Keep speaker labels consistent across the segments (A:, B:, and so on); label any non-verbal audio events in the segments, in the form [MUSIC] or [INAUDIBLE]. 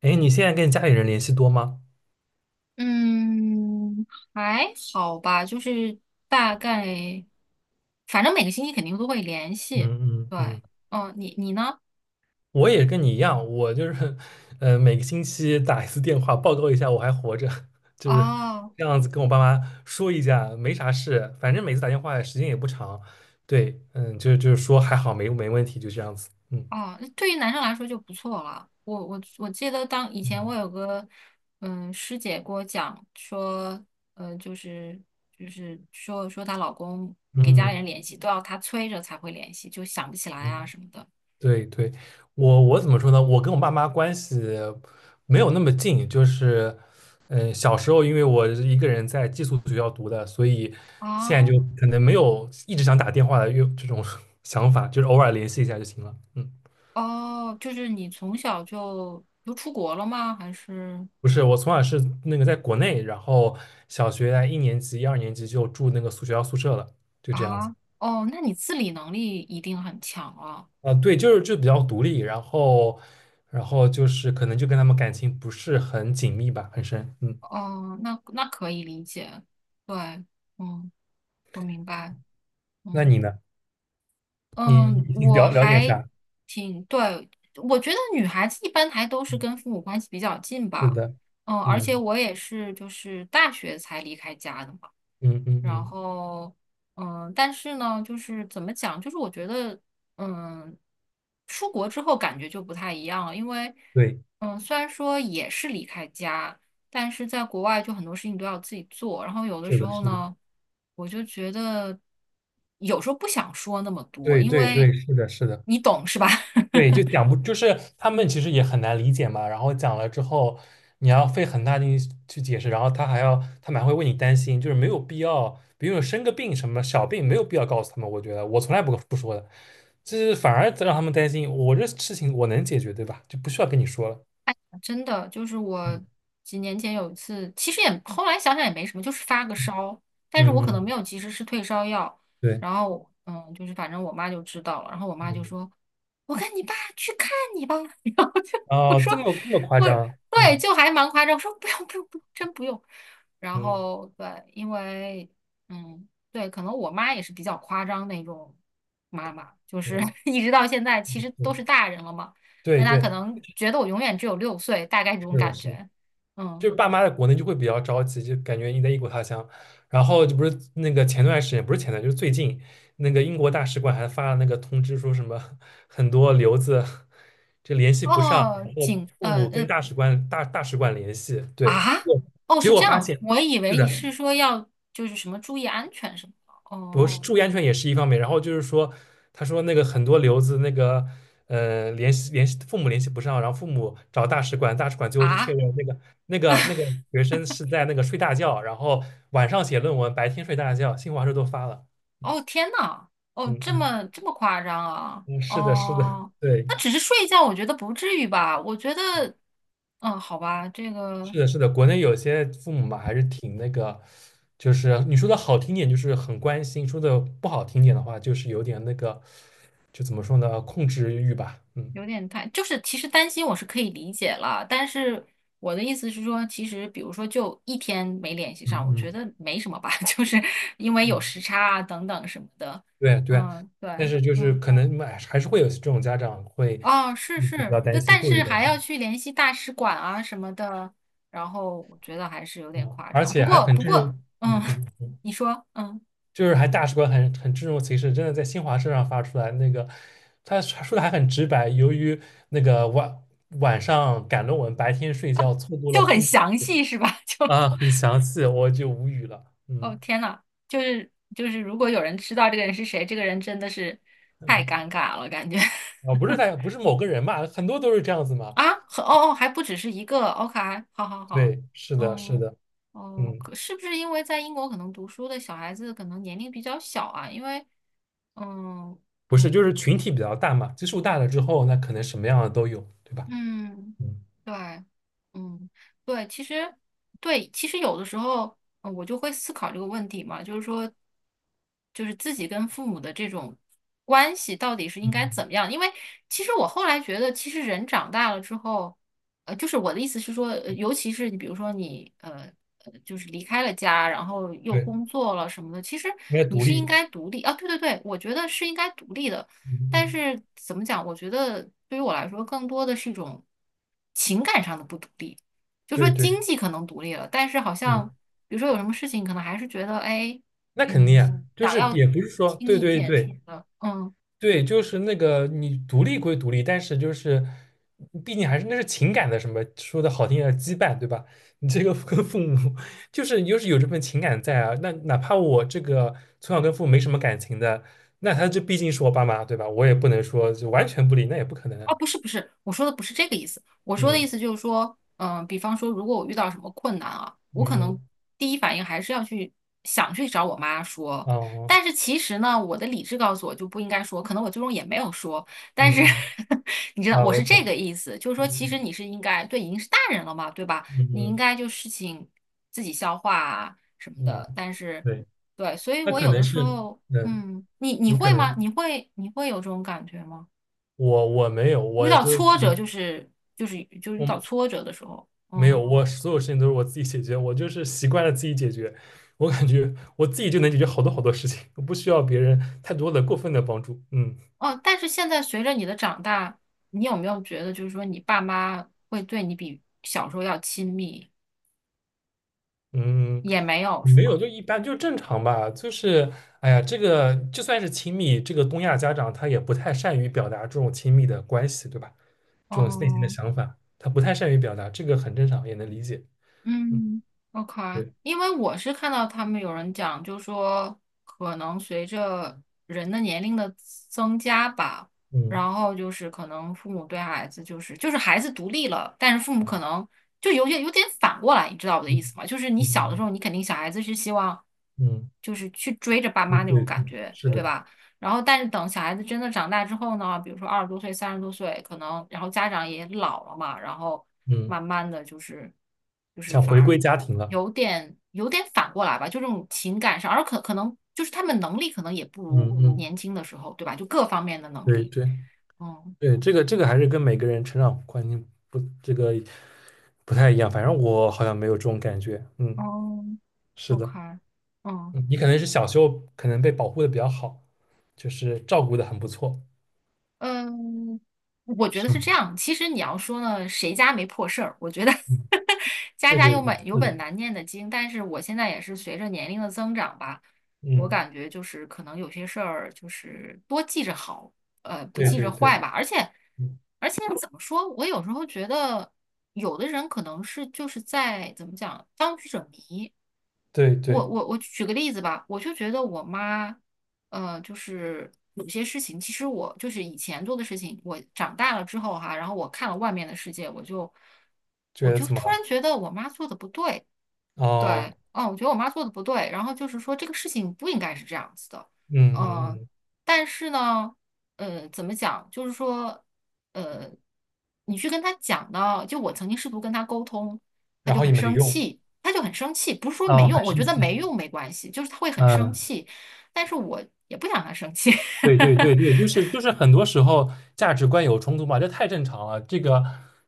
A: 哎，你现在跟家里人联系多吗？
B: 嗯，还好吧，就是大概，反正每个星期肯定都会联系。
A: 嗯嗯
B: 对，
A: 嗯，
B: 哦，你呢？
A: 我也跟你一样，我就是每个星期打一次电话，报告一下我还活着，[LAUGHS] 就是
B: 哦
A: 这样子跟我爸妈说一下，没啥事，反正每次打电话时间也不长，对，嗯，就是说还好没问题，就这样子，嗯
B: 哦，那对于男生来说就不错了。我记得当以前
A: 嗯，
B: 我有个师姐给我讲说，就是就是说她老公给家里
A: 嗯。
B: 人联系都要她催着才会联系，就想不起来啊
A: 嗯
B: 什么的。
A: 对对，我怎么说呢？我跟我爸妈关系没有那么近，就是，嗯，小时候因为我是一个人在寄宿学校读的，所以现在
B: 啊，
A: 就可能没有一直想打电话的又这种 [LAUGHS] 想法，就是偶尔联系一下就行了。嗯，
B: 哦，就是你从小就出国了吗？还是？
A: 不是，我从小是那个在国内，然后小学在一年级、一二年级就住那个宿学校宿舍了，就这样
B: 啊，
A: 子。
B: 哦，那你自理能力一定很强了。
A: 啊，对，就比较独立，然后，然后就是可能就跟他们感情不是很紧密吧，很深。嗯，
B: 哦，那那可以理解。对，嗯，我明白。
A: 那
B: 嗯
A: 你呢？你
B: 嗯，我
A: 了解
B: 还
A: 啥？
B: 挺，对，我觉得女孩子一般还都是跟父母关系比较近
A: 是
B: 吧。
A: 的，
B: 嗯，而且
A: 嗯
B: 我也是就是大学才离开家的嘛。
A: 嗯嗯
B: 然
A: 嗯，
B: 后，嗯，但是呢，就是怎么讲，就是我觉得，嗯，出国之后感觉就不太一样了，因为，
A: 对，
B: 嗯，虽然说也是离开家，但是在国外就很多事情都要自己做，然后有的
A: 是
B: 时
A: 的，
B: 候
A: 是的，
B: 呢，我就觉得有时候不想说那么多，
A: 对
B: 因
A: 对对，
B: 为
A: 是的，是的，
B: 你懂是吧？
A: 对，
B: [LAUGHS]
A: 就讲不，就是他们其实也很难理解嘛。然后讲了之后，你要费很大劲去解释，然后他们还会为你担心，就是没有必要，比如生个病什么小病，没有必要告诉他们。我觉得我从来不说的，就是反而让他们担心，我这事情我能解决，对吧？就不需要跟你说了。
B: 真的就是我几年前有一次，其实也后来想想也没什么，就是发个烧，但是我
A: 嗯
B: 可能
A: 嗯，
B: 没有及时吃退烧药，
A: 对，
B: 然后就是反正我妈就知道了，然后我妈就
A: 嗯，
B: 说：“我跟你爸去看你吧。[LAUGHS]” 然后就我
A: 哦，
B: 说
A: 这么夸
B: 我
A: 张，
B: 对，
A: 嗯。
B: 就还蛮夸张，我说不用，真不用。然
A: 嗯
B: 后对，因为嗯，对，可能我妈也是比较夸张那种妈妈，就是
A: 嗯，
B: [LAUGHS] 一直到现在其实都
A: 是，
B: 是大人了嘛，但
A: 对
B: 她
A: 对，
B: 可能觉得我永远只有6岁，大概这种
A: 是的，
B: 感
A: 是，
B: 觉。
A: 就
B: 嗯，
A: 是爸妈在国内就会比较着急，就感觉你在异国他乡。然后就不是那个前段时间，不是前段，就是最近那个英国大使馆还发了那个通知，说什么很多留子就联系不上，
B: 哦，
A: 然后
B: 警，
A: 父母跟大使馆联系，对，
B: 啊，
A: 就
B: 哦
A: 结
B: 是
A: 果
B: 这
A: 发
B: 样，
A: 现
B: 我以
A: 是
B: 为
A: 的，
B: 是说要就是什么注意安全什么的。
A: 不
B: 哦
A: 是注意安全也是一方面，然后就是说，他说那个很多留子那个，联系父母联系不上，然后父母找大使馆，大使馆最后就确
B: 啊，
A: 认那个那
B: [LAUGHS]
A: 个那个学生是在那个睡大觉，然后晚上写论文，白天睡大觉，新华社都发了。
B: 哦，天呐，哦，
A: 嗯
B: 这
A: 嗯
B: 么这么夸张啊？
A: 嗯，是的，是的，
B: 哦，
A: 对，
B: 那只是睡一觉，我觉得不至于吧？我觉得，嗯，好吧，这个
A: 是的，是的，国内有些父母嘛还是挺那个，就是你说的好听点就是很关心，说的不好听点的话就是有点那个，就怎么说呢，控制欲吧。嗯
B: 有点太，就是其实担心我是可以理解了，但是我的意思是说，其实比如说就一天没联系上，
A: 嗯
B: 我觉
A: 嗯。
B: 得没什么吧，[LAUGHS] 就是因为有时
A: 嗯。
B: 差啊等等什么的。
A: 对对，
B: 嗯，对，
A: 但是就是
B: 嗯。
A: 可能哎还是会有这种家长会
B: 哦，是
A: 嗯比
B: 是，
A: 较
B: 但
A: 担心，
B: 但
A: 过于
B: 是
A: 担
B: 还要
A: 心，
B: 去联系大使馆啊什么的，然后我觉得还是有点
A: 嗯，
B: 夸
A: 而
B: 张。不
A: 且还
B: 过
A: 很
B: 不
A: 这
B: 过，
A: 种，
B: 嗯，
A: 嗯嗯，
B: [LAUGHS] 你说，嗯，
A: 就是还大使馆很这种其事，真的在新华社上发出来那个，他说的还很直白，由于那个晚上赶论文，白天睡觉，错过了
B: 就
A: 父
B: 很
A: 母
B: 详细是吧？[LAUGHS] 就，
A: 啊，很详细，我就无语了，
B: 哦
A: 嗯，
B: 天呐，就是，如果有人知道这个人是谁，这个人真的是太尴尬了，感觉
A: 啊，不是某个人嘛，很多都是这样子
B: [LAUGHS]
A: 嘛，
B: 啊，和哦哦，还不只是一个，OK,好好好，
A: 对，是的，是
B: 嗯。
A: 的，
B: 哦，
A: 嗯。
B: 可是不是因为在英国可能读书的小孩子可能年龄比较小啊？因为，嗯，
A: 不是，
B: 嗯
A: 就是群体比较大嘛，基数大了之后，那可能什么样的都有，对吧？
B: 嗯，
A: 嗯
B: 对，嗯，对，其实，对，其实有的时候，我就会思考这个问题嘛，就是说，就是自己跟父母的这种关系到底是应该怎
A: 嗯，
B: 么样？因为其实我后来觉得，其实人长大了之后，就是我的意思是说，尤其是你比如说你就是离开了家，然后又
A: 对，
B: 工作了什么的，其实
A: 应该
B: 你
A: 独
B: 是应
A: 立。
B: 该独立啊，对，我觉得是应该独立的。
A: 嗯
B: 但
A: 嗯，
B: 是怎么讲？我觉得对于我来说，更多的是一种情感上的不独立。就说
A: 对对，
B: 经济可能独立了，但是好
A: 是的，
B: 像比如说有什么事情，可能还是觉得哎，
A: 那肯
B: 嗯，
A: 定啊，就
B: 想
A: 是
B: 要
A: 也不是说，
B: 听
A: 对
B: 意
A: 对
B: 见什么
A: 对
B: 的，嗯。
A: 对，就是那个你独立归独立，但是就是毕竟还是那是情感的什么，说的好听点儿羁绊，对吧？[LAUGHS] 你这个跟父母就是有这份情感在啊，那哪怕我这个从小跟父母没什么感情的，那他这毕竟是我爸妈，对吧？我也不能说就完全不理，那也不可
B: 哦，
A: 能。
B: 不是不是，我说的不是这个意思。我说的意
A: 嗯。
B: 思就是说，嗯、比方说，如果我遇到什么困难啊，我可
A: 嗯
B: 能
A: 嗯，
B: 第一反应还是要去想去找我妈说。
A: 哦，
B: 但是其实呢，我的理智告诉我就不应该说，可能我最终也没有说。
A: 嗯
B: 但是
A: 嗯，
B: [LAUGHS] 你知道，
A: 啊，
B: 我
A: 我
B: 是这
A: 懂，
B: 个意思，就是说，其
A: 嗯
B: 实你是应该，对，已经是大人了嘛，对吧？
A: 嗯
B: 你应
A: 嗯
B: 该就事情自己消化啊什么
A: 嗯，
B: 的。但是，
A: 对，
B: 对，所以
A: 那
B: 我
A: 可
B: 有的
A: 能
B: 时
A: 是，
B: 候，
A: 嗯，
B: 嗯，你
A: 你可
B: 会吗？
A: 能，
B: 你会有这种感觉吗？
A: 我没有，
B: 遇
A: 我
B: 到
A: 都，
B: 挫折
A: 嗯
B: 就是遇到
A: 我
B: 挫折的时候，
A: 没有，
B: 嗯
A: 我所有事情都是我自己解决，我就是习惯了自己解决，我感觉我自己就能解决好多好多事情，我不需要别人太多的过分的帮助，嗯
B: 哦，但是现在随着你的长大，你有没有觉得就是说你爸妈会对你比小时候要亲密？
A: 嗯。
B: 也没有是
A: 没有，
B: 吧？
A: 就一般，就正常吧。就是，哎呀，这个就算是亲密，这个东亚家长他也不太善于表达这种亲密的关系，对吧？这种内心的
B: 嗯。
A: 想法，他不太善于表达，这个很正常，也能理解。嗯，
B: 嗯，OK,
A: 对，
B: 因为我是看到他们有人讲，就说可能随着人的年龄的增加吧，
A: 嗯
B: 然后就是可能父母对孩子孩子独立了，但是父母可能就有点反过来，你知道我的意
A: 嗯
B: 思吗？就是你小的时
A: 嗯
B: 候，你肯定小孩子是希望
A: 嗯，
B: 就是去追着爸
A: 对
B: 妈那种
A: 对，
B: 感觉，
A: 是
B: 对
A: 的，
B: 吧？然后，但是等小孩子真的长大之后呢，比如说20多岁、30多岁，可能然后家长也老了嘛，然后
A: 嗯，
B: 慢慢的就是
A: 想
B: 反
A: 回
B: 而
A: 归家庭了。
B: 有点反过来吧，就这种情感上，而可能就是他们能力可能也不
A: 嗯
B: 如
A: 嗯，
B: 年轻的时候，对吧？就各方面的能
A: 对
B: 力，
A: 对
B: 嗯，
A: 对，这个还是跟每个人成长环境不这个不太一样，反正我好像没有这种感觉。嗯，
B: 哦
A: 是的，
B: ，OK,嗯。
A: 嗯你可能是小时候可能被保护的比较好，就是照顾的很不错。
B: 嗯，我觉得
A: 是，
B: 是这样。其实你要说呢，谁家没破事儿？我觉得
A: 嗯，
B: [LAUGHS] 家
A: 对
B: 家
A: 对
B: 有
A: 对，
B: 本有
A: 是
B: 本
A: 的，
B: 难念的经。但是我现在也是随着年龄的增长吧，我
A: 嗯，
B: 感觉就是可能有些事儿就是多记着好，呃，不
A: 对
B: 记着
A: 对对，
B: 坏吧。而且
A: 嗯
B: 而且怎么说，我有时候觉得有的人可能是就是在怎么讲当局者迷。
A: 对对，
B: 我举个例子吧，我就觉得我妈。呃，就是有些事情，其实我就是以前做的事情，我长大了之后哈，然后我看了外面的世界，
A: 觉
B: 我
A: 得
B: 就
A: 怎么
B: 突
A: 了？
B: 然觉得我妈做的不对，
A: 哦，
B: 对，嗯，我觉得我妈做的不对，然后就是说这个事情不应该是这样子的，
A: 嗯嗯
B: 嗯，
A: 嗯，
B: 但是呢，呃，怎么讲，就是说，呃，你去跟她讲呢，就我曾经试图跟她沟通，
A: 然后也没用，
B: 她就很生气，不是说没
A: 哦，
B: 用，
A: 很
B: 我
A: 生
B: 觉得
A: 气，
B: 没用没关系，就是她会很生
A: 嗯，
B: 气，但是我也不想她生气，
A: 对对对
B: [LAUGHS]
A: 对，就是很多时候价值观有冲突嘛，这太正常了。这个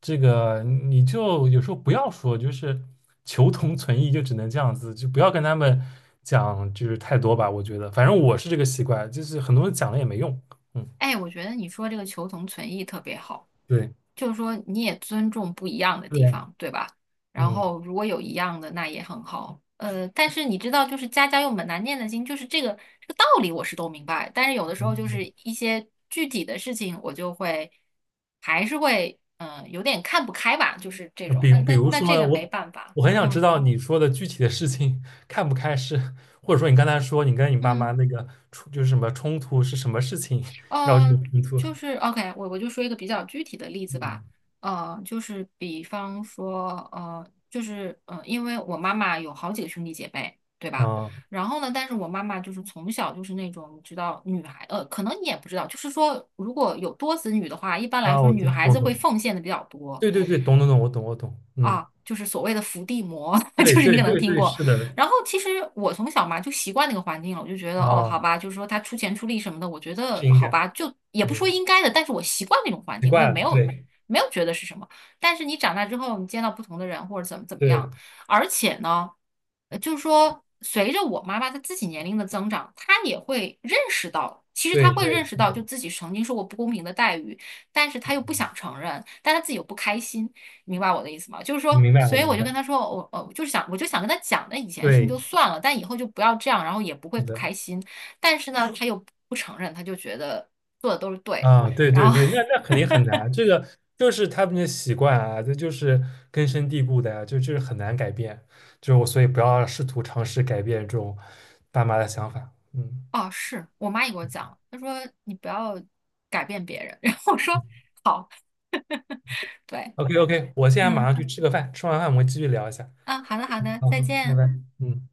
A: 这个，你就有时候不要说，就是求同存异，就只能这样子，就不要跟他们讲就是太多吧。我觉得，反正我是这个习惯，就是很多人讲了也没用。嗯，
B: 哎，我觉得你说这个求同存异特别好。
A: 对
B: 就是说你也尊重不一样的地
A: 对，
B: 方，对吧？然
A: 嗯
B: 后如果有一样的，那也很好。呃，但是你知道，就是家家有本难念的经，就是这个道理我是都明白，但是有的时候就是
A: 嗯
B: 一些具体的事情，我就会还是会嗯、有点看不开吧，就是这
A: 那
B: 种。
A: 比
B: 那
A: 对比
B: 那
A: 如
B: 那
A: 说
B: 这
A: 呢，
B: 个没
A: 我
B: 办法，
A: 很想知
B: 嗯
A: 道你说的具体的事情看不开是，或者说你刚才说你跟你爸妈
B: 嗯。
A: 那个冲就是什么冲突是什么事情要这个
B: 呃，
A: 冲突了
B: 就是 OK,我就说一个比较具体的例子吧。
A: 嗯，
B: 呃，就是比方说，呃，就是呃，因为我妈妈有好几个兄弟姐妹，对吧？
A: 啊
B: 然后呢，但是我妈妈就是从小就是那种，你知道，女孩，呃，可能你也不知道，就是说，如果有多子女的话，一般来
A: 啊，
B: 说
A: 我
B: 女
A: 懂
B: 孩
A: 懂
B: 子会
A: 懂，
B: 奉献的比较多。
A: 对对对，懂懂懂，我懂，嗯，
B: 啊，就是所谓的伏地魔，[LAUGHS]
A: 对
B: 就是你
A: 对
B: 可能
A: 对
B: 听
A: 对，
B: 过。
A: 是的，
B: 然后其实我从小嘛就习惯那个环境了，我就觉得哦，
A: 啊，
B: 好吧，就是说他出钱出力什么的，我觉得
A: 是应
B: 好
A: 该，
B: 吧，就也不说
A: 嗯，
B: 应该的，但是我习惯那种环
A: 奇
B: 境，我也
A: 怪了，对
B: 没有觉得是什么。但是你长大之后，你见到不同的人或者怎么怎么样，
A: 对
B: 而且呢，呃就是说随着我妈妈她自己年龄的增长，她也会认识到，其实她
A: 对
B: 会
A: 对，
B: 认识
A: 是
B: 到，
A: 的，
B: 就自己曾经受过不公平的待遇，但是她又不想
A: 嗯
B: 承认，但她自己又不开心。明白我的意思吗？就是
A: 我
B: 说，
A: 明白
B: 所
A: 我
B: 以我
A: 明
B: 就跟
A: 白，
B: 他说，我就是想，我就想跟他讲，那以前的事情
A: 对，
B: 就算了，但以后就不要这样，然后也不会
A: 是
B: 不
A: 的。
B: 开心。但是呢，他又不承认，他就觉得做的都是对的。
A: 啊，对
B: 然
A: 对
B: 后，
A: 对，那那肯
B: [LAUGHS]
A: 定很难，这个就是他们的习惯啊，这就是根深蒂固的呀、就是很难改变，就是我，所以不要试图尝试改变这种爸妈的想法。嗯
B: 哦，是我妈也给我讲了，她说你不要改变别人。[LAUGHS] 然后我说好，对，
A: ，OK 嗯 OK，我现在马
B: 嗯，
A: 上去吃个饭，吃完饭我们继续聊一下。
B: 啊，好的，
A: 好，
B: 再
A: 好拜拜。
B: 见。
A: 嗯。